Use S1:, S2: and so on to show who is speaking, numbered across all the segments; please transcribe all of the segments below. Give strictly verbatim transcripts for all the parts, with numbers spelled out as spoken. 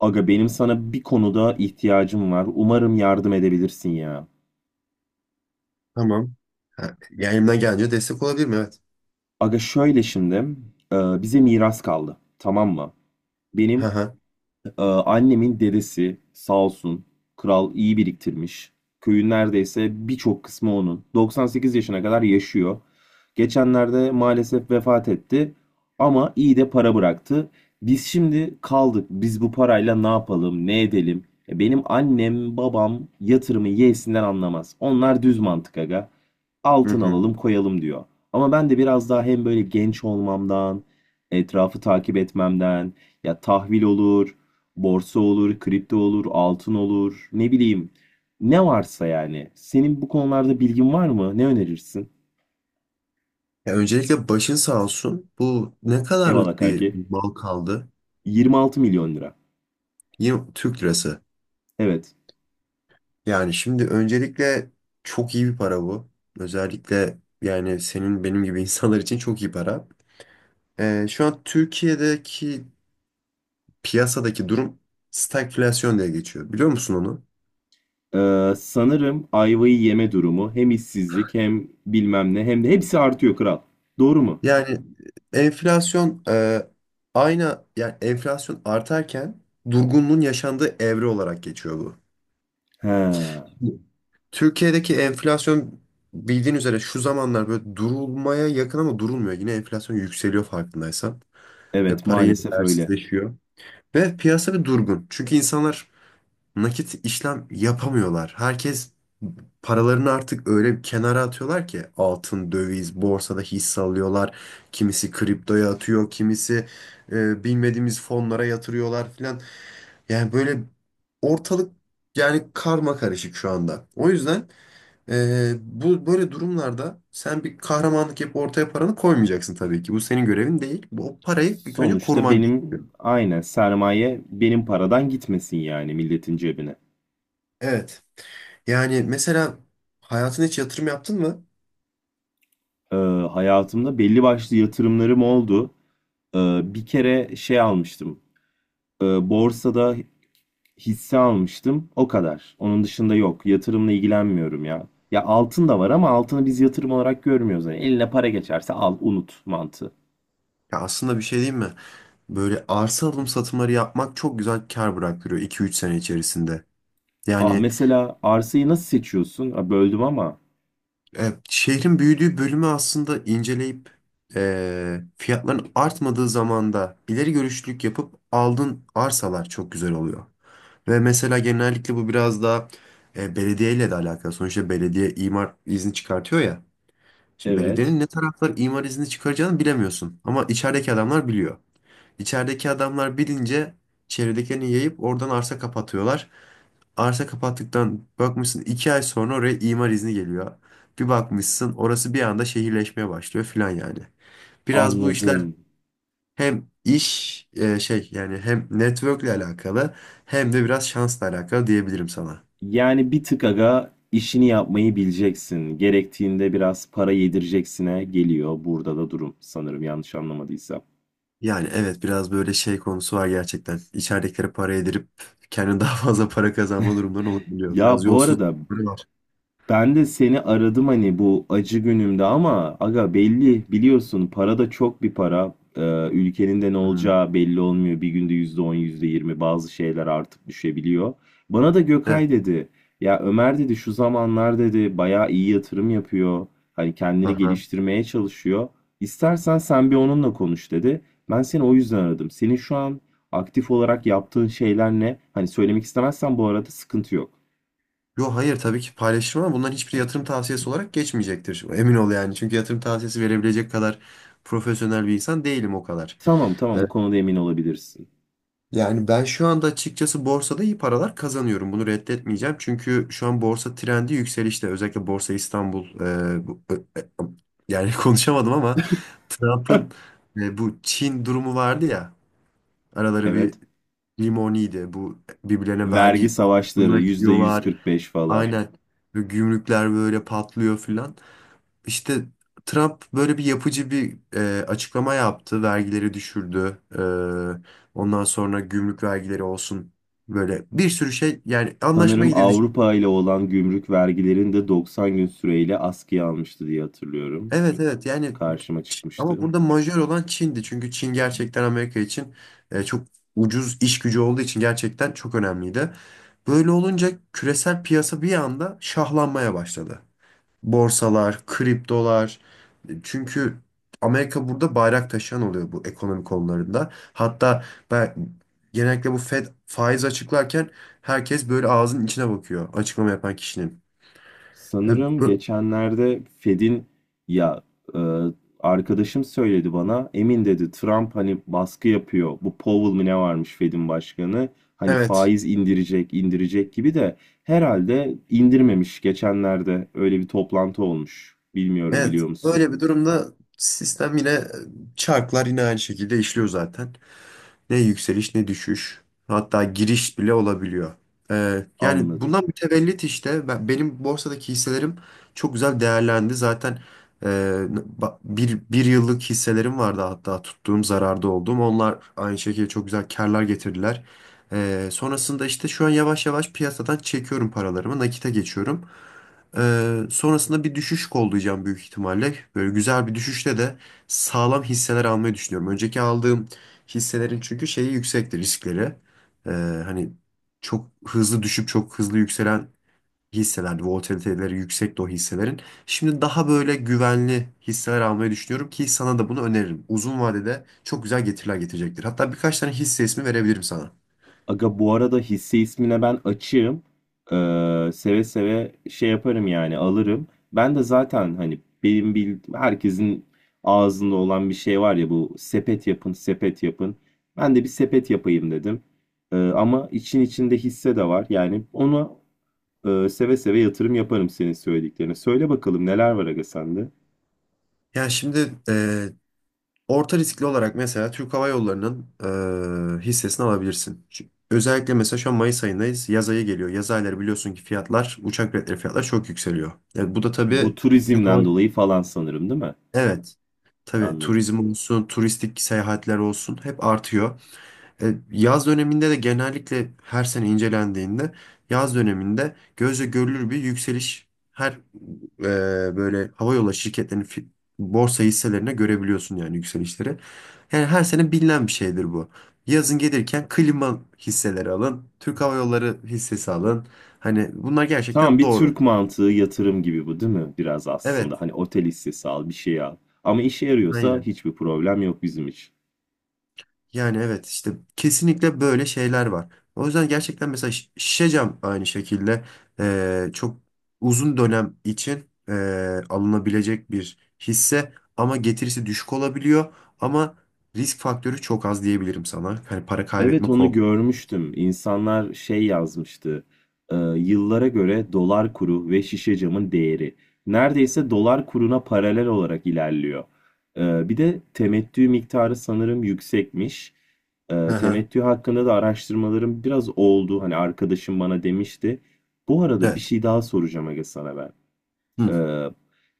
S1: Aga benim sana bir konuda ihtiyacım var. Umarım yardım edebilirsin ya.
S2: Tamam. Ha, yani elimden gelince destek olabilirim evet.
S1: Aga şöyle şimdi e, bize miras kaldı. Tamam mı?
S2: Hı
S1: Benim
S2: hı.
S1: Ee, annemin dedesi sağ olsun kral iyi biriktirmiş. Köyün neredeyse birçok kısmı onun. doksan sekiz yaşına kadar yaşıyor. Geçenlerde maalesef vefat etti ama iyi de para bıraktı. Biz şimdi kaldık. Biz bu parayla ne yapalım, ne edelim? E, Benim annem, babam yatırımı yeğsinden anlamaz. Onlar düz mantık aga.
S2: Hı
S1: Altın
S2: hı.
S1: alalım, koyalım diyor. Ama ben de biraz daha hem böyle genç olmamdan, etrafı takip etmemden, ya tahvil olur, borsa olur, kripto olur, altın olur, ne bileyim. Ne varsa yani. Senin bu konularda bilgin var mı? Ne önerirsin?
S2: Ya öncelikle başın sağ olsun. Bu ne
S1: Eyvallah
S2: kadarlık bir
S1: kanki.
S2: mal kaldı?
S1: yirmi altı milyon lira.
S2: Yine Türk lirası.
S1: Evet.
S2: Yani şimdi öncelikle çok iyi bir para bu. Özellikle yani senin benim gibi insanlar için çok iyi para. Ee, şu an Türkiye'deki piyasadaki durum stagflasyon diye geçiyor. Biliyor musun onu?
S1: Ee, sanırım ayvayı yeme durumu hem işsizlik hem bilmem ne hem de hepsi artıyor kral. Doğru mu?
S2: Yani e, enflasyon e, aynı yani enflasyon artarken durgunluğun yaşandığı evre olarak geçiyor bu.
S1: He.
S2: Türkiye'deki enflasyon bildiğin üzere şu zamanlar böyle durulmaya yakın ama durulmuyor. Yine enflasyon yükseliyor farkındaysan. E,
S1: Evet,
S2: para yine
S1: maalesef öyle.
S2: değersizleşiyor. Ve piyasa bir durgun. Çünkü insanlar nakit işlem yapamıyorlar. Herkes paralarını artık öyle bir kenara atıyorlar ki altın, döviz, borsada hisse alıyorlar. Kimisi kriptoya atıyor, kimisi e, bilmediğimiz fonlara yatırıyorlar filan. Yani böyle ortalık yani karma karışık şu anda. O yüzden e, bu böyle durumlarda sen bir kahramanlık yapıp ortaya paranı koymayacaksın tabii ki. Bu senin görevin değil. Bu o parayı ilk önce
S1: Sonuçta
S2: koruman
S1: benim
S2: gerekiyor.
S1: aynen sermaye benim paradan gitmesin yani milletin cebine.
S2: Evet. Yani mesela hayatına hiç yatırım yaptın mı?
S1: Ee, Hayatımda belli başlı yatırımlarım oldu. Ee, bir kere şey almıştım. Ee, borsada hisse almıştım. O kadar. Onun dışında yok. Yatırımla ilgilenmiyorum ya. Ya altın da var ama altını biz yatırım olarak görmüyoruz. Yani eline para geçerse al, unut mantığı.
S2: Ya aslında bir şey diyeyim mi? Böyle arsa alım satımları yapmak çok güzel kar bıraktırıyor iki üç sene içerisinde.
S1: Aa,
S2: Yani
S1: mesela arsayı nasıl seçiyorsun? Aa, böldüm ama.
S2: e, şehrin büyüdüğü bölümü aslında inceleyip e, fiyatların artmadığı zamanda ileri görüşlülük yapıp aldığın arsalar çok güzel oluyor. Ve mesela genellikle bu biraz daha e, belediyeyle de alakalı. Sonuçta belediye imar izni çıkartıyor ya. Şimdi
S1: Evet.
S2: belediyenin ne taraflar imar izni çıkaracağını bilemiyorsun. Ama içerideki adamlar biliyor. İçerideki adamlar bilince çevredekilerini yayıp oradan arsa kapatıyorlar. Arsa kapattıktan bakmışsın iki ay sonra oraya imar izni geliyor. Bir bakmışsın orası bir anda şehirleşmeye başlıyor filan yani. Biraz bu işler
S1: Anladım.
S2: hem iş e, şey yani hem network'le alakalı hem de biraz şansla alakalı diyebilirim sana.
S1: Yani bir tık aga işini yapmayı bileceksin. Gerektiğinde biraz para yedireceksine geliyor burada da durum sanırım yanlış anlamadıysam.
S2: Yani evet biraz böyle şey konusu var gerçekten. İçeridekilere para yedirip kendine daha fazla para kazanma durumları olabiliyor. Biraz
S1: Ya bu arada
S2: yolsuzlukları var.
S1: ben de seni aradım hani bu acı günümde ama aga belli biliyorsun para da çok bir para. Ee, ülkenin de ne
S2: Hı hı.
S1: olacağı belli olmuyor. Bir günde yüzde on yüzde yirmi bazı şeyler artıp düşebiliyor. Bana da
S2: Evet.
S1: Gökay dedi. Ya Ömer dedi şu zamanlar dedi bayağı iyi yatırım yapıyor. Hani kendini
S2: Aha.
S1: geliştirmeye çalışıyor. İstersen sen bir onunla konuş dedi. Ben seni o yüzden aradım. Senin şu an aktif olarak yaptığın şeyler ne? Hani söylemek istemezsen bu arada sıkıntı yok.
S2: Yo, hayır, tabii ki paylaşırım ama bunların hiçbir yatırım tavsiyesi olarak geçmeyecektir. Emin ol yani. Çünkü yatırım tavsiyesi verebilecek kadar profesyonel bir insan değilim o kadar.
S1: Tamam tamam, bu
S2: Evet.
S1: konuda emin olabilirsin.
S2: Yani ben şu anda açıkçası borsada iyi paralar kazanıyorum. Bunu reddetmeyeceğim. Çünkü şu an borsa trendi yükselişte. Özellikle Borsa İstanbul e, bu- e, e, yani konuşamadım ama Trump'ın e, bu Çin durumu vardı ya. Araları bir
S1: Evet.
S2: limoniydi. Bu birbirlerine
S1: Vergi
S2: vergi
S1: savaşları
S2: arttırmaya
S1: yüzde
S2: gidiyorlar.
S1: yüz kırk beş falan.
S2: Aynen. Ve gümrükler böyle patlıyor filan. İşte Trump böyle bir yapıcı bir e, açıklama yaptı. Vergileri düşürdü. E, ondan sonra gümrük vergileri olsun. Böyle bir sürü şey yani anlaşma
S1: Sanırım
S2: gidildi.
S1: Avrupa ile olan gümrük vergilerini de doksan gün süreyle askıya almıştı diye hatırlıyorum.
S2: Evet, evet yani
S1: Karşıma
S2: Ç- ama
S1: çıkmıştı.
S2: burada majör olan Çin'di. Çünkü Çin gerçekten Amerika için e, çok ucuz iş gücü olduğu için gerçekten çok önemliydi. Böyle olunca küresel piyasa bir anda şahlanmaya başladı. Borsalar, kriptolar. Çünkü Amerika burada bayrak taşıyan oluyor bu ekonomi konularında. Hatta ben genellikle bu Fed faiz açıklarken herkes böyle ağzının içine bakıyor açıklama yapan kişinin. E,
S1: Sanırım
S2: bu-
S1: geçenlerde Fed'in ya, e, arkadaşım söyledi bana. Emin dedi, Trump hani baskı yapıyor. Bu Powell mi ne varmış Fed'in başkanı. Hani
S2: Evet,
S1: faiz indirecek, indirecek gibi de herhalde indirmemiş geçenlerde. Öyle bir toplantı olmuş. Bilmiyorum,
S2: evet.
S1: biliyor musun?
S2: Böyle bir durumda sistem yine e, çarklar yine aynı şekilde işliyor zaten. Ne yükseliş ne düşüş. Hatta giriş bile olabiliyor. Ee, yani
S1: Anladım.
S2: bundan mütevellit işte ben, benim borsadaki hisselerim çok güzel değerlendi. Zaten e, ba- bir, bir yıllık hisselerim vardı hatta tuttuğum zararda olduğum. Onlar aynı şekilde çok güzel karlar getirdiler. Ee, sonrasında işte şu an yavaş yavaş piyasadan çekiyorum paralarımı, nakite geçiyorum. Ee, sonrasında bir düşüş kollayacağım büyük ihtimalle. Böyle güzel bir düşüşte de sağlam hisseler almayı düşünüyorum. Önceki aldığım hisselerin çünkü şeyi yüksekti, riskleri. Ee, hani çok hızlı düşüp çok hızlı yükselen hisselerdi. Volatiliteleri yüksekti o hisselerin. Şimdi daha böyle güvenli hisseler almayı düşünüyorum ki sana da bunu öneririm. Uzun vadede çok güzel getiriler getirecektir. Hatta birkaç tane hisse ismi verebilirim sana.
S1: Aga bu arada hisse ismine ben açığım. Ee, seve seve şey yaparım yani alırım. Ben de zaten hani benim bildiğim herkesin ağzında olan bir şey var ya, bu sepet yapın sepet yapın. Ben de bir sepet yapayım dedim. Ee, ama için içinde hisse de var. Yani ona e, seve seve yatırım yaparım senin söylediklerine. Söyle bakalım neler var aga sende?
S2: Ya şimdi orta riskli olarak mesela Türk Hava Yolları'nın eee, hissesini alabilirsin. Çünkü özellikle mesela şu an Mayıs ayındayız. Yaz ayı geliyor. Yaz ayları biliyorsun ki fiyatlar, uçak biletleri fiyatlar çok yükseliyor. Yani bu da
S1: Bu
S2: tabii Türk Hava.
S1: turizmden dolayı falan sanırım değil mi?
S2: Evet. Tabii
S1: Anladım.
S2: turizm olsun, turistik seyahatler olsun hep artıyor. E, Yaz döneminde de genellikle her sene incelendiğinde yaz döneminde gözle görülür bir yükseliş her e, böyle havayolu şirketlerinin fi- borsa hisselerine görebiliyorsun, yani yükselişleri. Yani her sene bilinen bir şeydir bu. Yazın gelirken klima hisseleri alın, Türk Hava Yolları hissesi alın. Hani bunlar
S1: Tamam,
S2: gerçekten
S1: bir
S2: doğru.
S1: Türk mantığı yatırım gibi bu değil mi? Biraz aslında
S2: Evet,
S1: hani otel hissesi al, bir şey al. Ama işe yarıyorsa
S2: aynen.
S1: hiçbir problem yok bizim için.
S2: Yani evet işte kesinlikle böyle şeyler var. O yüzden gerçekten mesela şi- şişe cam aynı şekilde eee, çok uzun dönem için eee, alınabilecek bir hisse ama getirisi düşük olabiliyor ama risk faktörü çok az diyebilirim sana. Hani para
S1: Evet,
S2: kaybetme
S1: onu
S2: korku.
S1: görmüştüm. İnsanlar şey yazmıştı. E, yıllara göre dolar kuru ve şişe camın değeri. Neredeyse dolar kuruna paralel olarak ilerliyor. E, bir de temettü miktarı sanırım yüksekmiş.
S2: Hı
S1: E,
S2: hı.
S1: temettü hakkında da araştırmalarım biraz oldu. Hani arkadaşım bana demişti. Bu arada bir
S2: Evet.
S1: şey daha soracağım aga sana ben.
S2: Hı.
S1: Ee,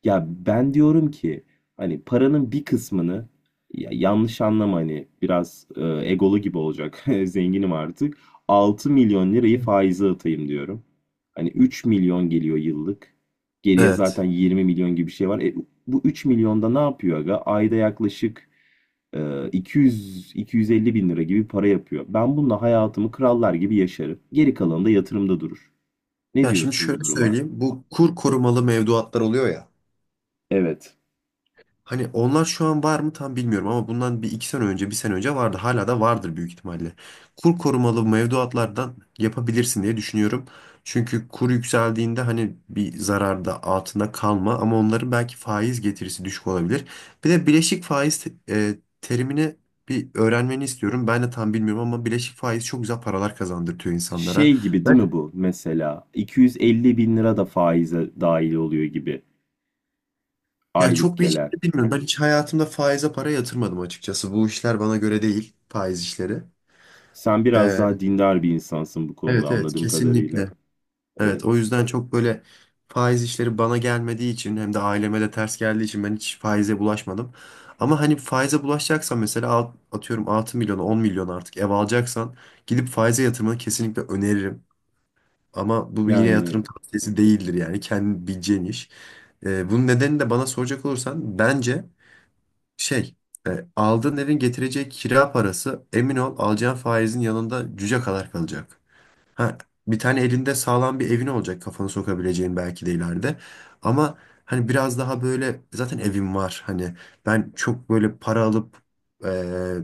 S1: Ya ben diyorum ki hani paranın bir kısmını, ya yanlış anlama hani biraz e, egolu gibi olacak, zenginim artık, altı milyon lirayı faize atayım diyorum. Hani üç milyon geliyor yıllık. Geriye zaten
S2: Evet.
S1: yirmi milyon gibi bir şey var. E, bu üç milyonda ne yapıyor aga? Ayda yaklaşık e, iki yüz iki yüz elli bin lira gibi para yapıyor. Ben bununla hayatımı krallar gibi yaşarım. Geri kalanı da yatırımda durur. Ne
S2: Yani şimdi
S1: diyorsun bu
S2: şöyle
S1: duruma?
S2: söyleyeyim. Bu kur korumalı mevduatlar oluyor ya.
S1: Evet.
S2: Hani onlar şu an var mı tam bilmiyorum ama bundan bir iki sene önce, bir sene önce vardı. Hala da vardır büyük ihtimalle. Kur korumalı mevduatlardan yapabilirsin diye düşünüyorum. Çünkü kur yükseldiğinde hani bir zararda altında kalma ama onların belki faiz getirisi düşük olabilir. Bir de bileşik faiz te- e, terimini bir öğrenmeni istiyorum. Ben de tam bilmiyorum ama bileşik faiz çok güzel paralar kazandırtıyor insanlara.
S1: Şey gibi değil mi
S2: Ben
S1: bu mesela? iki yüz elli bin lira da faize dahil oluyor gibi,
S2: ya
S1: aylık
S2: çok bir hiç
S1: gelen.
S2: bilmiyorum. Ben hiç hayatımda faize para yatırmadım açıkçası. Bu işler bana göre değil, faiz işleri.
S1: Sen biraz
S2: E,
S1: daha dindar bir insansın bu konuda
S2: Evet, evet,
S1: anladığım kadarıyla.
S2: kesinlikle. Evet, o
S1: Evet.
S2: yüzden çok böyle faiz işleri bana gelmediği için hem de aileme de ters geldiği için ben hiç faize bulaşmadım. Ama hani faize bulaşacaksan mesela alt- atıyorum altı milyona on milyon artık ev alacaksan gidip faize yatırmanı kesinlikle öneririm. Ama bu yine
S1: Yani
S2: yatırım tavsiyesi değildir yani kendin bileceğin iş. Ee, bunun nedeni de bana soracak olursan bence şey e, aldığın evin getireceği kira parası emin ol alacağın faizin yanında cüce kadar kalacak. Ha, bir tane elinde sağlam bir evin olacak kafanı sokabileceğin belki de ileride. Ama hani biraz daha böyle zaten evim var. Hani ben çok böyle para alıp e,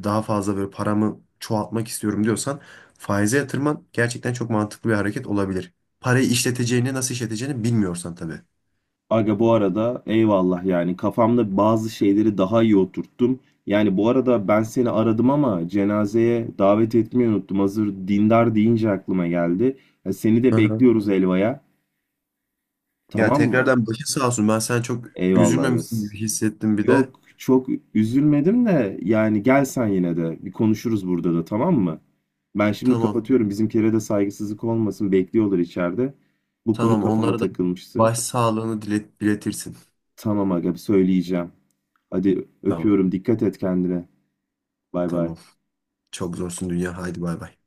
S2: daha fazla böyle paramı çoğaltmak istiyorum diyorsan faize yatırman gerçekten çok mantıklı bir hareket olabilir. Parayı işleteceğini, nasıl işleteceğini bilmiyorsan tabii.
S1: aga bu arada eyvallah, yani kafamda bazı şeyleri daha iyi oturttum. Yani bu arada ben seni aradım ama cenazeye davet etmeyi unuttum. Hazır dindar deyince aklıma geldi. Ya seni de
S2: Hı hı.
S1: bekliyoruz Elva'ya.
S2: Ya
S1: Tamam mı?
S2: tekrardan başın sağ olsun. Ben sen çok
S1: Eyvallah
S2: üzülmemişsin
S1: Yas.
S2: gibi hissettim bir de.
S1: Yok, çok üzülmedim de yani gel sen yine de, bir konuşuruz burada da, tamam mı? Ben şimdi
S2: Tamam.
S1: kapatıyorum, bizimkilere de saygısızlık olmasın, bekliyorlar içeride. Bu konu
S2: Tamam.
S1: kafama
S2: Onlara da
S1: takılmıştı.
S2: baş sağlığını dilet, diletirsin.
S1: Tamam aga, söyleyeceğim. Hadi
S2: Tamam.
S1: öpüyorum, dikkat et kendine. Bay bay.
S2: Tamam. Çok zorsun dünya. Haydi bay bay.